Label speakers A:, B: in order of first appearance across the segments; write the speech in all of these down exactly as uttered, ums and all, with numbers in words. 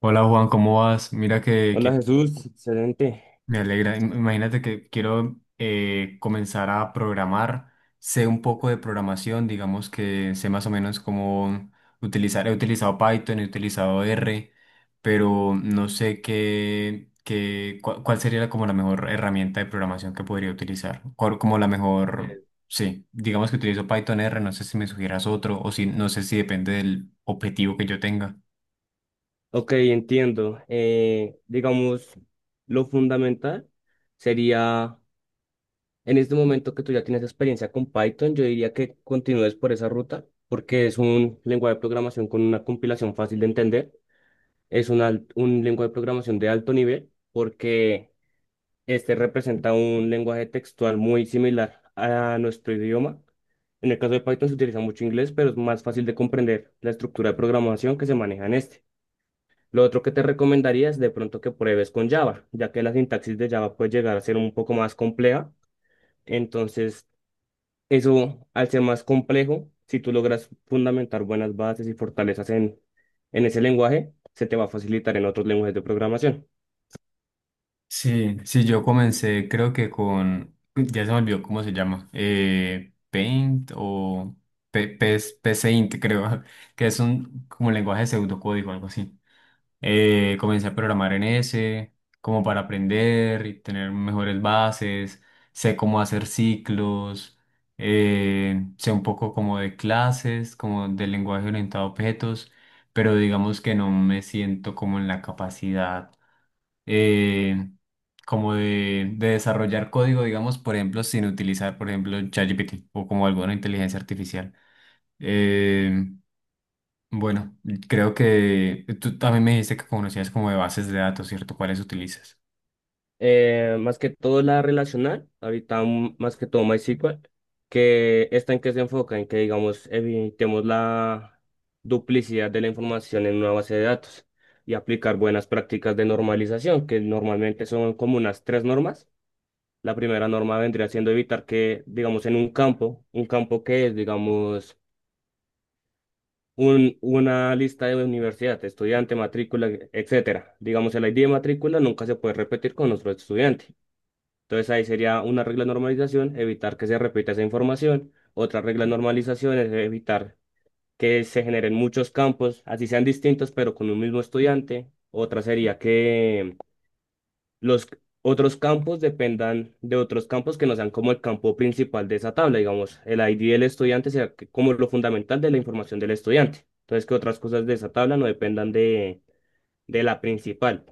A: Hola Juan, ¿cómo vas? Mira que, que
B: Hola Jesús, excelente.
A: me alegra. Im- Imagínate que quiero eh, comenzar a programar. Sé un poco de programación, digamos que sé más o menos cómo utilizar. He utilizado Python, he utilizado R, pero no sé qué, qué, cua- cuál sería la- como la mejor herramienta de programación que podría utilizar. Cuál- Como la mejor, sí, digamos que utilizo Python R, no sé si me sugieras otro o si no sé si depende del objetivo que yo tenga.
B: Ok, entiendo. Eh, digamos, lo fundamental sería, en este momento que tú ya tienes experiencia con Python, yo diría que continúes por esa ruta, porque es un lenguaje de programación con una compilación fácil de entender. Es un, al- un lenguaje de programación de alto nivel, porque este representa un lenguaje textual muy similar a nuestro idioma. En el caso de Python se utiliza mucho inglés, pero es más fácil de comprender la estructura de programación que se maneja en este. Lo otro que te recomendaría es de pronto que pruebes con Java, ya que la sintaxis de Java puede llegar a ser un poco más compleja. Entonces, eso al ser más complejo, si tú logras fundamentar buenas bases y fortalezas en, en ese lenguaje, se te va a facilitar en otros lenguajes de programación.
A: Sí, sí, yo comencé creo que con, ya se me olvidó cómo se llama, eh, Paint o P- P- PCInt creo, que es un como lenguaje de pseudocódigo, algo así. Eh, comencé a programar en ese, como para aprender y tener mejores bases, sé cómo hacer ciclos, eh, sé un poco como de clases, como del lenguaje orientado a objetos, pero digamos que no me siento como en la capacidad eh, como de, de desarrollar código, digamos, por ejemplo, sin utilizar, por ejemplo, ChatGPT o como alguna inteligencia artificial. Eh, bueno, creo que tú también me dijiste que conocías como de bases de datos, ¿cierto? ¿Cuáles utilizas?
B: Eh, más que todo la relacional, ahorita mm, más que todo MySQL, que esta en que se enfoca, en que digamos evitemos la duplicidad de la información en una base de datos y aplicar buenas prácticas de normalización, que normalmente son como unas tres normas. La primera norma vendría siendo evitar que, digamos, en un campo, un campo que es, digamos, un, una lista de universidad, estudiante, matrícula, etcétera. Digamos, el I D de matrícula nunca se puede repetir con otro estudiante. Entonces ahí sería una regla de normalización, evitar que se repita esa información. Otra regla de normalización es evitar que se generen muchos campos, así sean distintos, pero con un mismo estudiante. Otra sería que los otros campos dependan de otros campos que no sean como el campo principal de esa tabla, digamos, el I D del estudiante sea que- como lo fundamental de la información del estudiante. Entonces que otras cosas de esa tabla no dependan de, de la principal.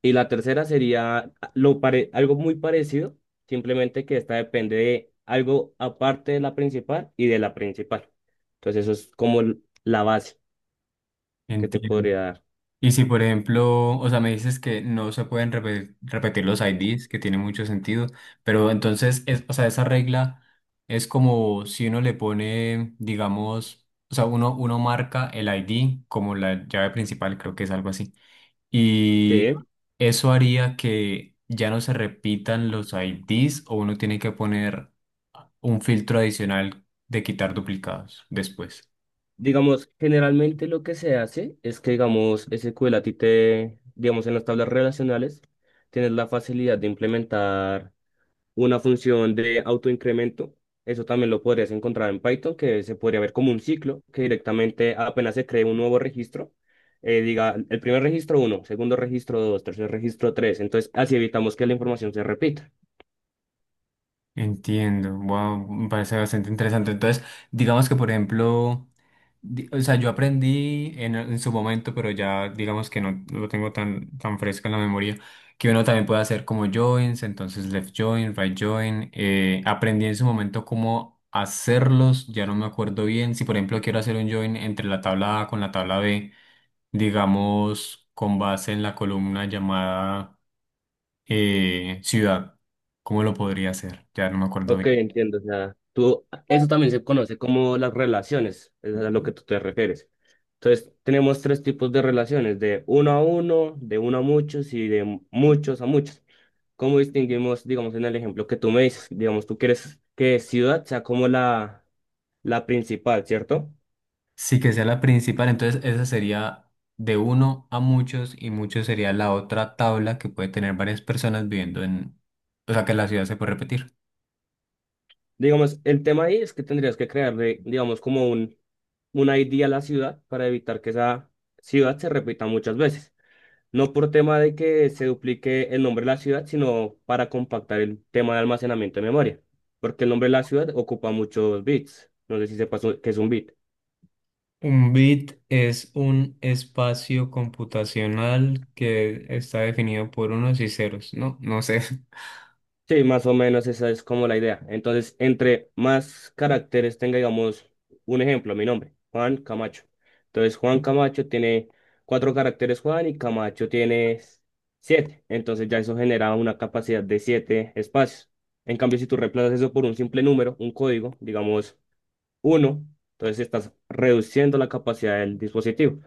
B: Y la tercera sería lo pare- algo muy parecido, simplemente que esta depende de algo aparte de la principal y de la principal. Entonces eso es como l- la base que te
A: Entiendo.
B: podría dar.
A: Y si, por ejemplo, o sea, me dices que no se pueden repe- repetir los I Des, que tiene mucho sentido, pero entonces, es, o sea, esa regla es como si uno le pone, digamos, o sea, uno, uno marca el I D como la llave principal, creo que es algo así. Y
B: Sí.
A: eso haría que ya no se repitan los I Des o uno tiene que poner un filtro adicional de quitar duplicados después.
B: Digamos, generalmente lo que se hace es que, digamos, S Q L a ti te, digamos, en las tablas relacionales, tienes la facilidad de implementar una función de autoincremento. Eso también lo podrías encontrar en Python, que se podría ver como un ciclo, que directamente apenas se cree un nuevo registro, eh, diga: el primer registro uno, segundo registro dos, tercer registro tres. Entonces, así evitamos que la información se repita.
A: Entiendo, wow, me parece bastante interesante. Entonces, digamos que, por ejemplo, di- o sea, yo aprendí en, en su momento, pero ya digamos que no lo tengo tan, tan fresco en la memoria, que uno también puede hacer como joins, entonces left join, right join. Eh, aprendí en su momento cómo hacerlos, ya no me acuerdo bien. Si, por ejemplo, quiero hacer un join entre la tabla A con la tabla B, digamos, con base en la columna llamada eh, ciudad, ¿cómo lo podría hacer? Ya no me acuerdo
B: Ok,
A: bien.
B: entiendo. O sea, tú, eso también se conoce como las relaciones, es a lo que tú te refieres. Entonces, tenemos tres tipos de relaciones, de uno a uno, de uno a muchos y de muchos a muchos. ¿Cómo distinguimos, digamos, en el ejemplo que tú me dices? Digamos, tú quieres que ciudad sea como la, la principal, ¿cierto?
A: Sí, que sea la principal, entonces esa sería de uno a muchos y muchos sería la otra tabla que puede tener varias personas viviendo en, o sea, que la ciudad se puede repetir.
B: Digamos, el tema ahí es que tendrías que crearle, digamos, como un, un I D a la ciudad para evitar que esa ciudad se repita muchas veces. No por tema de que se duplique el nombre de la ciudad, sino para compactar el tema de almacenamiento de memoria, porque el nombre de la ciudad ocupa muchos bits. No sé si sepas lo que es un bit.
A: Un bit es un espacio computacional que está definido por unos y ceros, ¿no? No sé.
B: Sí, más o menos esa es como la idea. Entonces, entre más caracteres tenga, digamos, un ejemplo, mi nombre, Juan Camacho. Entonces, Juan Camacho tiene cuatro caracteres, Juan, y Camacho tiene siete. Entonces, ya eso genera una capacidad de siete espacios. En cambio, si tú reemplazas eso por un simple número, un código, digamos uno, entonces estás reduciendo la capacidad del dispositivo.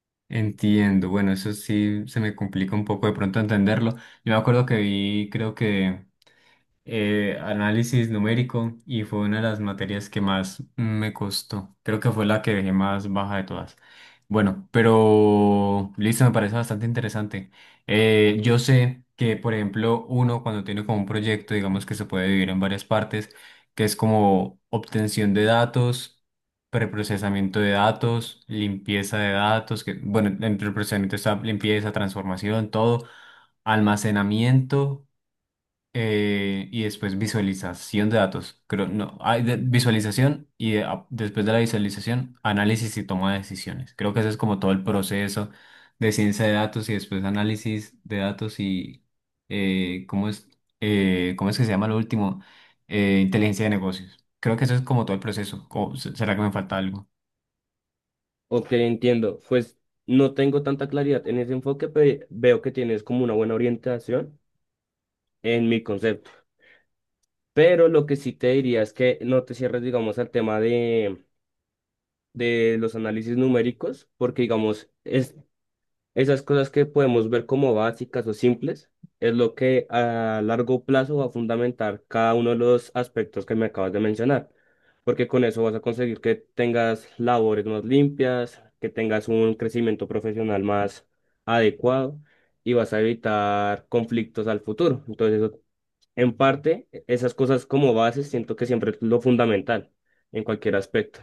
A: Entiendo, bueno, eso sí se me complica un poco de pronto entenderlo. Yo me acuerdo que vi, creo que eh, análisis numérico y fue una de las materias que más me costó. Creo que fue la que dejé más baja de todas. Bueno, pero listo, me parece bastante interesante. Eh, yo sé que, por ejemplo, uno cuando tiene como un proyecto, digamos que se puede dividir en varias partes, que es como obtención de datos, preprocesamiento de datos, limpieza de datos, que, bueno, entre el procesamiento está limpieza, transformación, todo, almacenamiento eh, y después visualización de datos. Creo, no, hay de- visualización y de- a- después de la visualización, análisis y toma de decisiones. Creo que eso es como todo el proceso de ciencia de datos y después análisis de datos y eh, ¿cómo es, eh, ¿cómo es que se llama lo último? Eh, inteligencia de negocios. Creo que eso es como todo el proceso. O, se- ¿será que me falta algo?
B: Ok, entiendo. Pues no tengo tanta claridad en ese enfoque, pero veo que tienes como una buena orientación, en mi concepto. Pero lo que sí te diría es que no te cierres, digamos, al tema de, de los análisis numéricos, porque, digamos, es, esas cosas que podemos ver como básicas o simples, es lo que a largo plazo va a fundamentar cada uno de los aspectos que me acabas de mencionar, porque con eso vas a conseguir que tengas labores más limpias, que tengas un crecimiento profesional más adecuado y vas a evitar conflictos al futuro. Entonces, eso en parte, e, esas cosas como bases siento que siempre es lo fundamental en cualquier aspecto.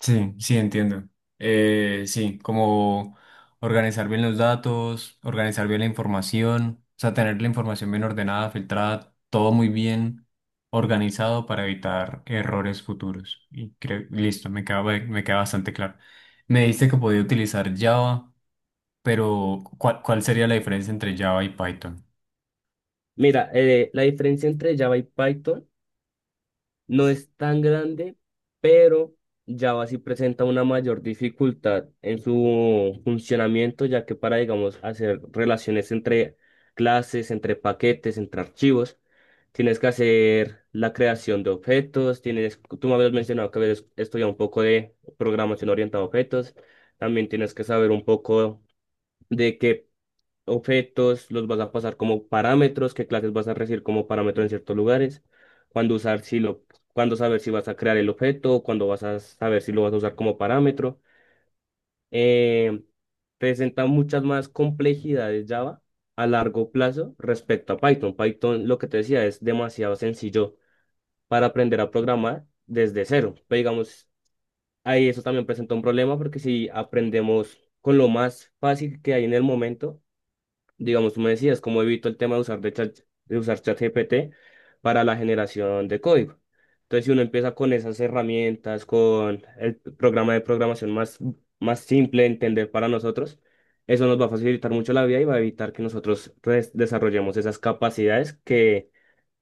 A: Sí, sí, entiendo. Eh, sí, como organizar bien los datos, organizar bien la información, o sea, tener la información bien ordenada, filtrada, todo muy bien organizado para evitar errores futuros. Y creo, listo, me queda, ba- me queda bastante claro. Me dijiste que podía utilizar Java, pero ¿cuál, cuál sería la diferencia entre Java y Python?
B: Mira, eh, la diferencia entre Java y Python no es tan grande, pero Java sí presenta una mayor dificultad en su funcionamiento, ya que para, digamos, hacer relaciones entre clases, entre paquetes, entre archivos, tienes que hacer la creación de objetos, tienes, tú me habías mencionado que habías estudiado un poco de programación orientada a objetos. También tienes que saber un poco de qué objetos los vas a pasar como parámetros, qué clases vas a recibir como parámetros en ciertos lugares, cuándo usar si lo, cuándo saber si vas a crear el objeto, cuándo vas a saber si lo vas a usar como parámetro. Eh, Presenta muchas más complejidades Java a largo plazo respecto a Python. Python, lo que te decía, es demasiado sencillo para aprender a programar desde cero. Pero digamos, ahí eso también presenta un problema porque si aprendemos con lo más fácil que hay en el momento, digamos, tú me decías, cómo evito el tema de usar, de chat, de usar ChatGPT para la generación de código. Entonces, si uno empieza con esas herramientas, con el programa de programación más, más simple de entender para nosotros, eso nos va a facilitar mucho la vida y va a evitar que nosotros pues, desarrollemos esas capacidades que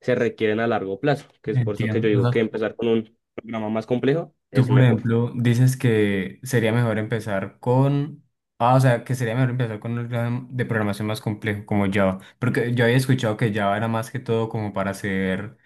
B: se requieren a largo plazo, que es por eso que yo
A: Entiendo.
B: digo que empezar con un programa más complejo
A: Tú,
B: es
A: por
B: mejor.
A: ejemplo, dices que sería mejor empezar con... Ah, o sea, que sería mejor empezar con un lenguaje de programación más complejo como Java. Porque yo había escuchado que Java era más que todo como para hacer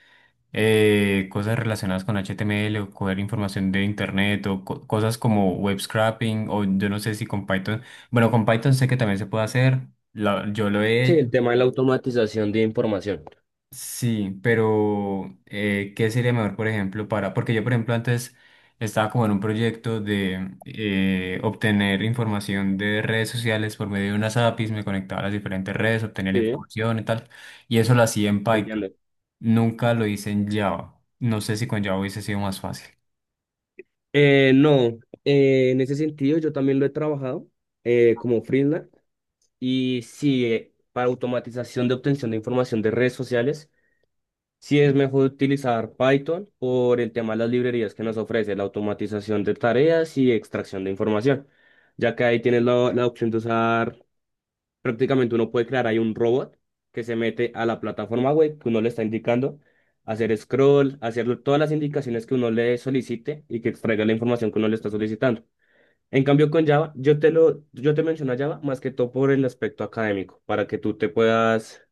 A: eh, cosas relacionadas con H T M L o coger información de internet o co- cosas como web scraping o yo no sé si con Python. Bueno, con Python sé que también se puede hacer. La- yo lo he
B: Sí,
A: hecho.
B: el tema de la automatización de información.
A: Sí, pero eh, ¿qué sería mejor, por ejemplo, para...? Porque yo, por ejemplo, antes estaba como en un proyecto de eh, obtener información de redes sociales por medio de unas A P I s, me conectaba a las diferentes redes, obtenía la
B: Sí.
A: información y tal, y eso lo hacía en Python.
B: ¿Entiendes?
A: Nunca lo hice en Java. No sé si con Java hubiese sido más fácil.
B: Eh, no, eh, en ese sentido yo también lo he trabajado eh, como freelance y sí, eh, para automatización de obtención de información de redes sociales, sí es mejor utilizar Python por el tema de las librerías que nos ofrece la automatización de tareas y extracción de información, ya que ahí tienes la, la opción de usar, prácticamente uno puede crear ahí un robot que se mete a la plataforma web que uno le está indicando, hacer scroll, hacer todas las indicaciones que uno le solicite y que extraiga la información que uno le está solicitando. En cambio, con Java, yo te lo, yo te menciono a Java más que todo por el aspecto académico, para que tú te puedas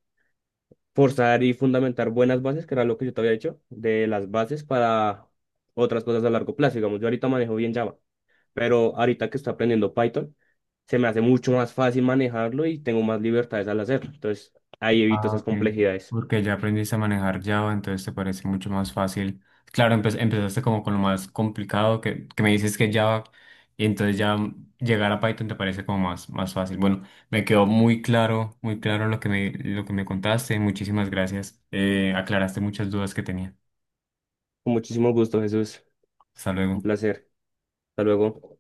B: forzar y fundamentar buenas bases, que era lo que yo te había dicho, de las bases para otras cosas a largo plazo. Digamos, yo ahorita manejo bien Java, pero ahorita que estoy aprendiendo Python, se me hace mucho más fácil manejarlo y tengo más libertades al hacerlo. Entonces, ahí evito
A: Ah,
B: esas
A: ok.
B: complejidades.
A: Porque ya aprendiste a manejar Java, entonces te parece mucho más fácil. Claro, empe- empezaste como con lo más complicado que, que me dices que Java, y entonces ya llegar a Python te parece como más, más fácil. Bueno, me quedó muy claro, muy claro lo que me, lo que me contaste. Muchísimas gracias. Eh, aclaraste muchas dudas que tenía.
B: Con muchísimo gusto, Jesús.
A: Hasta luego.
B: Un placer. Hasta luego.